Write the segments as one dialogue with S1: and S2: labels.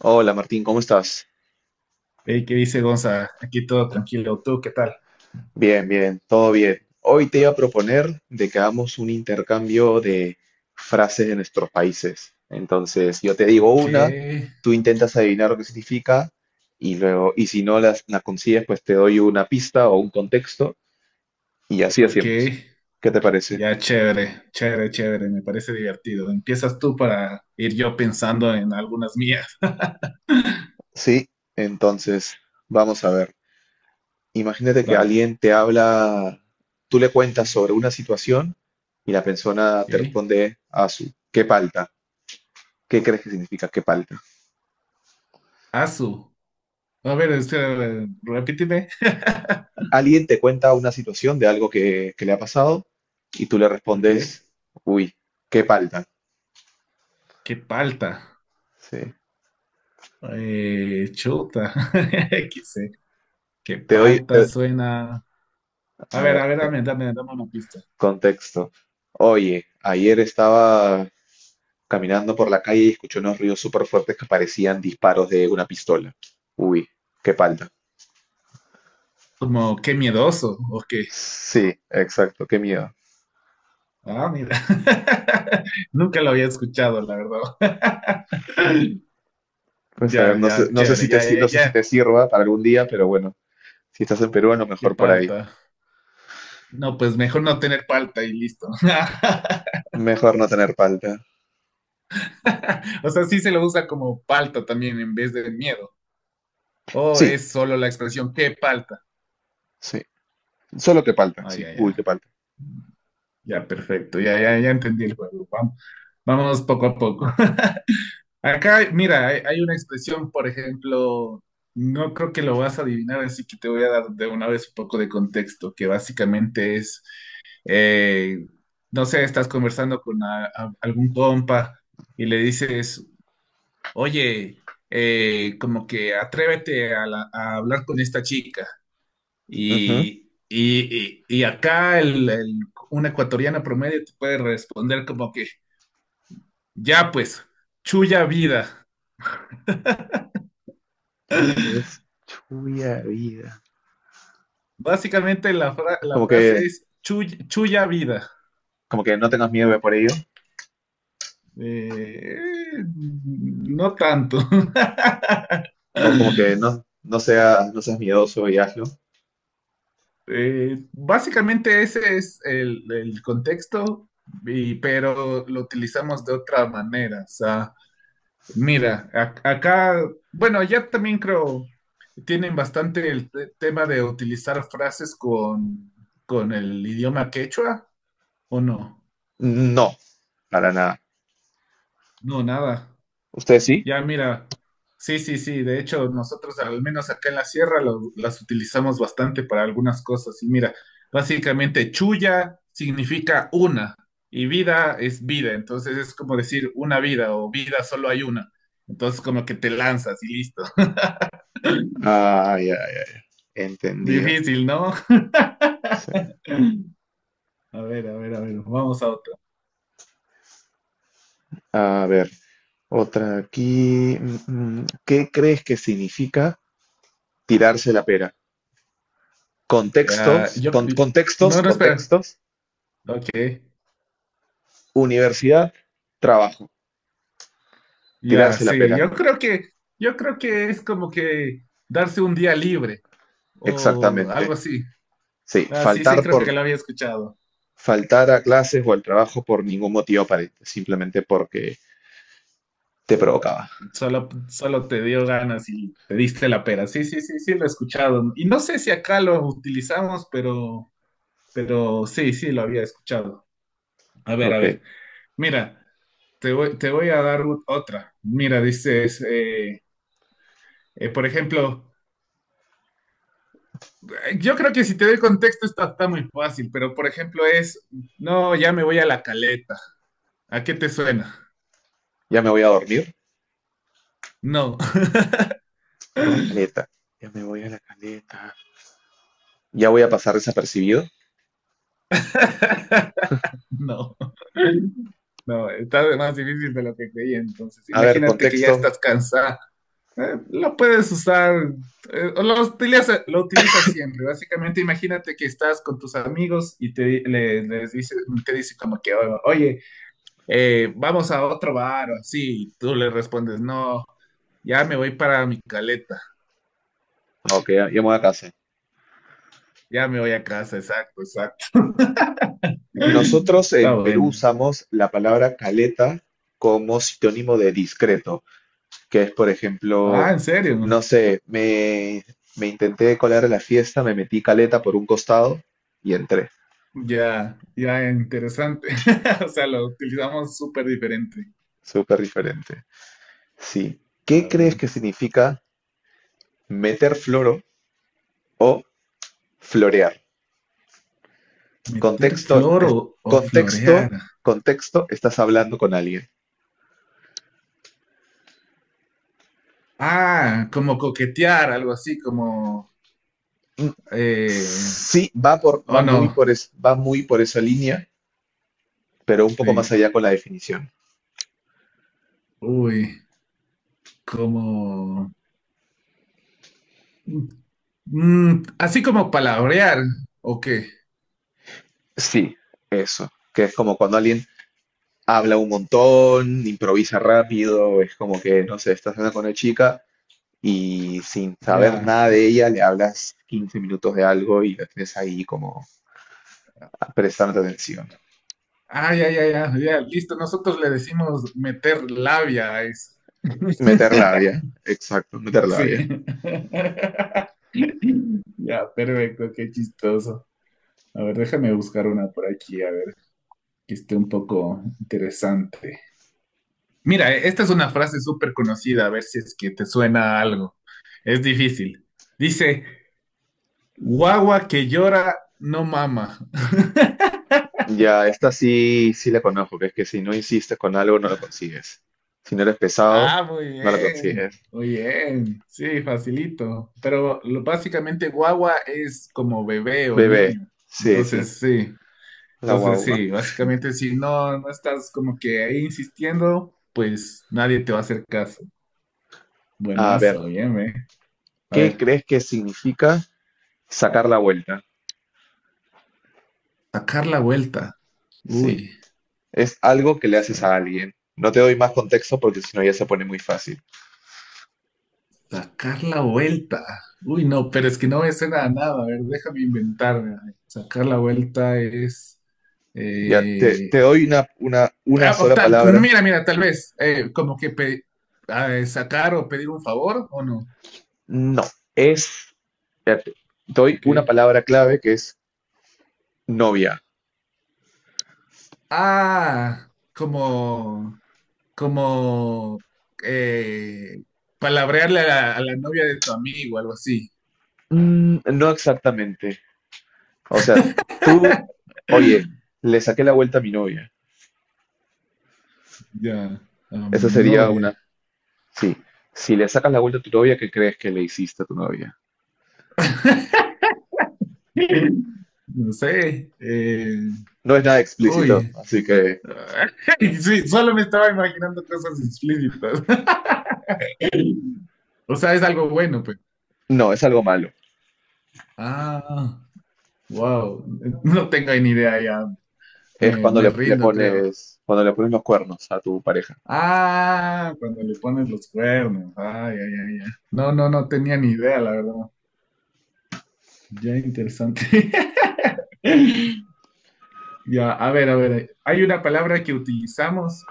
S1: Hola Martín, ¿cómo estás?
S2: Ey, ¿qué dice Gonza? Aquí todo tranquilo. ¿Tú qué tal?
S1: Bien, bien, todo bien. Hoy te iba a proponer de que hagamos un intercambio de frases de nuestros países. Entonces, yo te digo
S2: Ok,
S1: una, tú intentas adivinar lo que significa y luego, y si no la consigues, pues te doy una pista o un contexto y así
S2: ok.
S1: hacemos. ¿Qué te parece?
S2: Ya chévere, chévere, chévere. Me parece divertido. Empiezas tú para ir yo pensando en algunas mías.
S1: Sí, entonces, vamos a ver. Imagínate que
S2: Dale.
S1: alguien te habla, tú le cuentas sobre una situación y la persona te
S2: Ok.
S1: responde a su, qué palta. ¿Qué crees que significa qué palta?
S2: Azu. A ver, espera, repíteme.
S1: Alguien te cuenta una situación de algo que le ha pasado y tú le
S2: Ok.
S1: respondes, uy, qué palta.
S2: ¿Qué palta?
S1: Sí.
S2: Chuta. ¿Qué sé? ¿Qué
S1: Te doy,
S2: palta
S1: te-
S2: suena?
S1: a
S2: A
S1: ver,
S2: ver,
S1: te-
S2: dame, dame, dame una pista.
S1: Contexto. Oye, ayer estaba caminando por la calle y escuché unos ruidos súper fuertes que parecían disparos de una pistola. Uy, qué palta.
S2: Como qué miedoso, ok.
S1: Sí, exacto, qué miedo.
S2: Ah, mira. Nunca lo había escuchado, la verdad.
S1: Pues a ver,
S2: Ya,
S1: no sé,
S2: ya, chévere, ya, ya,
S1: no sé si
S2: ya.
S1: te sirva para algún día, pero bueno, si estás en Perú, a lo
S2: Qué
S1: mejor por ahí.
S2: palta. No, pues mejor no tener palta y listo.
S1: Mejor no tener palta.
S2: O sea, sí se lo usa como palta también en vez de miedo. O
S1: Sí,
S2: es solo la expresión qué palta.
S1: sí. Solo que palta,
S2: Ah,
S1: sí.
S2: ya,
S1: Uy, que
S2: ya.
S1: palta.
S2: Ya, perfecto. Ya, ya, ya entendí el juego. Vamos, vamos poco a poco. Acá, mira, hay una expresión, por ejemplo, no creo que lo vas a adivinar, así que te voy a dar de una vez un poco de contexto, que básicamente es, eh, no sé, estás conversando con algún compa y le dices, oye, como que atrévete a, a hablar con esta chica.
S1: Ujú.
S2: Y acá un ecuatoriano promedio te puede responder como que, ya pues, chulla vida.
S1: Ya pues, chuya vida.
S2: Básicamente la,
S1: Es
S2: la frase es Chuya vida".
S1: como que no tengas miedo por ello,
S2: Eh, no tanto.
S1: o como que no, no seas, no seas miedoso y hazlo.
S2: Básicamente ese es el contexto, pero lo utilizamos de otra manera. O sea, mira, acá, bueno, ya también creo, tienen bastante el tema de utilizar frases con el idioma quechua, ¿o no?
S1: No, para nada.
S2: No, nada.
S1: ¿Usted sí?
S2: Ya, mira, sí, sí, sí, de hecho nosotros al menos acá en la sierra las utilizamos bastante para algunas cosas y mira, básicamente chulla significa una y vida es vida, entonces es como decir una vida o vida solo hay una, entonces como que te lanzas y listo.
S1: Ah, ya, ya, ya. Entendido.
S2: Difícil, ¿no?
S1: Sí.
S2: A ver, a ver, a ver, vamos a otro.
S1: A ver, otra aquí. Mm. ¿Qué crees que significa tirarse la pera?
S2: Ah,
S1: Contextos,
S2: yo,
S1: contextos,
S2: no, no, espera.
S1: contextos.
S2: Ok,
S1: Universidad, trabajo.
S2: ya,
S1: Tirarse la
S2: sí,
S1: pera.
S2: yo creo que es como que darse un día libre o algo
S1: Exactamente.
S2: así.
S1: Sí,
S2: Ah, sí, sí, creo que lo había escuchado.
S1: faltar a clases o al trabajo por ningún motivo aparente, simplemente porque te provocaba.
S2: Solo, solo te dio ganas y te diste la pera. Sí, sí, sí, sí, lo he escuchado. Y no sé si acá lo utilizamos, pero sí, sí, lo había escuchado. A ver, a
S1: Ok,
S2: ver. Mira, te voy a dar otra. Mira, dices, por ejemplo, yo creo que si te doy contexto está, está muy fácil, pero por ejemplo es, no, ya me voy a la caleta. ¿A qué te suena?
S1: ya me voy a dormir
S2: No,
S1: a la caleta. Ya me voy a la caleta. Ya voy a pasar desapercibido.
S2: no. No, está de más difícil de lo que creía. Entonces,
S1: A ver,
S2: imagínate que ya
S1: contexto.
S2: estás cansada. Lo puedes usar, o lo utilizas siempre. Básicamente, imagínate que estás con tus amigos y te, les dice, te dice como que, "Oh, oye, vamos a otro bar o así". Y tú le respondes, no, ya me voy para mi caleta,
S1: Ok, ya me voy a casa.
S2: ya me voy a casa, exacto, exacto.
S1: Nosotros
S2: Está
S1: en Perú
S2: bueno.
S1: usamos la palabra caleta como sinónimo de discreto, que es, por ejemplo,
S2: Ah, ¿en serio?
S1: no sé, me intenté colar a la fiesta, me metí caleta por un costado y entré.
S2: Ya, ya interesante. O sea, lo utilizamos súper diferente.
S1: Súper diferente. Sí. ¿Qué
S2: A
S1: crees
S2: ver.
S1: que significa meter floro o florear?
S2: Meter
S1: Contexto,
S2: flor o florear.
S1: contexto, contexto, estás hablando con alguien.
S2: Ah, como coquetear, algo así, como...
S1: Mm,
S2: Eh,
S1: sí,
S2: oh, no,
S1: va muy por esa línea, pero un poco más
S2: sí.
S1: allá con la definición.
S2: Uy, como... mm, así como palabrear, ¿o qué?
S1: Sí, eso, que es como cuando alguien habla un montón, improvisa rápido, es como que, no sé, estás hablando con una chica y sin saber
S2: Ya.
S1: nada de ella le hablas 15 minutos de algo y la tienes ahí como prestando atención.
S2: Ah, ya, ya, ya, ya, listo. Nosotros le decimos meter labia a eso.
S1: Meter labia, exacto, meter labia.
S2: Sí. Ya, perfecto, qué chistoso. A ver, déjame buscar una por aquí, a ver, que esté un poco interesante. Mira, e, esta es una frase súper conocida, a ver si es que te suena a algo. Es difícil. Dice, guagua que llora no mama.
S1: Ya, esta sí, sí la conozco, que es que si no insistes con algo, no lo consigues. Si no eres pesado,
S2: Ah, muy
S1: no lo
S2: bien,
S1: consigues.
S2: muy bien. Sí, facilito. Pero lo, básicamente guagua es como bebé o
S1: Bebé,
S2: niño.
S1: sí, sí,
S2: Entonces, sí.
S1: la
S2: Entonces,
S1: guagua.
S2: sí, básicamente si no, no estás como que ahí insistiendo, pues nadie te va a hacer caso.
S1: A ver,
S2: Buenazo, bien, ¿eh? A
S1: ¿qué
S2: ver.
S1: crees que significa sacar la vuelta?
S2: Sacar la vuelta.
S1: Sí,
S2: Uy,
S1: es algo que le haces
S2: sa-
S1: a alguien. No te doy más contexto porque si no ya se pone muy fácil.
S2: sacar la vuelta. Uy, no, pero es que no me suena a nada. A ver, déjame inventarme. A ver, sacar la vuelta es...
S1: Ya, te,
S2: eh,
S1: te doy una sola palabra.
S2: mira, mira, tal vez, como que sacar o pedir un favor o no.
S1: No, es, espérate, te doy una
S2: ¿Qué?
S1: palabra clave que es novia.
S2: Ah, como... como... eh, palabrearle a la novia de tu amigo, algo así.
S1: Mm, no exactamente. O sea, tú, oye, le saqué la vuelta a mi novia.
S2: Ya, a mi
S1: Esa sería
S2: novia.
S1: una, sí. Si le sacas la vuelta a tu novia, ¿qué crees que le hiciste a tu novia?
S2: No sé.
S1: No es nada explícito,
S2: Uy.
S1: así que
S2: Sí, solo me estaba imaginando cosas explícitas. O sea, es algo bueno, pues.
S1: no, es algo malo.
S2: Ah, wow. No tengo ni idea ya.
S1: Es
S2: Me,
S1: cuando
S2: me rindo, creo.
S1: cuando le pones los cuernos a tu pareja.
S2: Ah, cuando le pones los cuernos. Ay, ay, ay, ay. No, no, no tenía ni idea, la verdad. Ya interesante. Ya, a ver, a ver. Hay una palabra que utilizamos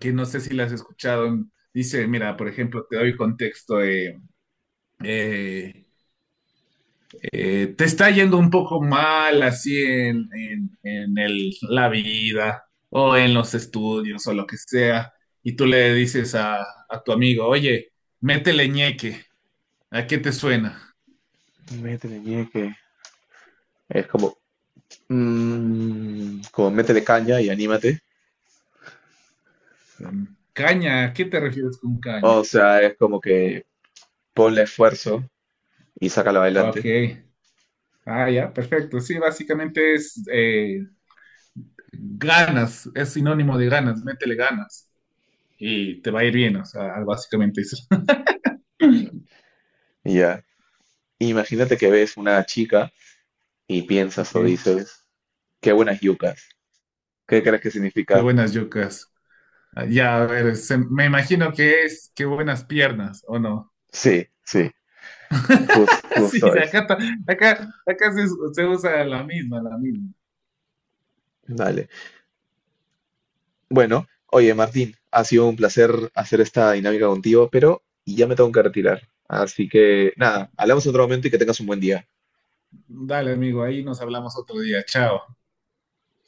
S2: que no sé si la has escuchado. Dice, mira, por ejemplo, te doy contexto. Eh, Te está yendo un poco mal así en, en la vida o en los estudios o lo que sea, y tú le dices a tu amigo, oye, métele ñeque, ¿a qué te suena?
S1: Métele ñeque. Es como, mm, como métele caña y anímate.
S2: Mm, caña, ¿a qué te refieres con caña?
S1: O sea, es como que ponle esfuerzo y sácalo
S2: Ok,
S1: adelante.
S2: ah, ya, perfecto. Sí, básicamente es ganas, es sinónimo de ganas, métele ganas y te va a ir bien, o sea, básicamente eso.
S1: Y ya. Imagínate que ves una chica y piensas
S2: Ok,
S1: o dices, qué buenas yucas. ¿Qué crees que
S2: qué
S1: significa?
S2: buenas yucas. Ah, ya, a ver, me imagino que es qué buenas piernas, ¿o no?
S1: Sí, sí,
S2: Sí,
S1: justo
S2: sí,
S1: eso.
S2: acá, acá, se usa la misma, la misma.
S1: Dale. Bueno, oye, Martín, ha sido un placer hacer esta dinámica contigo, pero ya me tengo que retirar. Así que nada, hablamos en otro momento y que tengas un buen día.
S2: Dale, amigo, ahí nos hablamos otro día. Chao.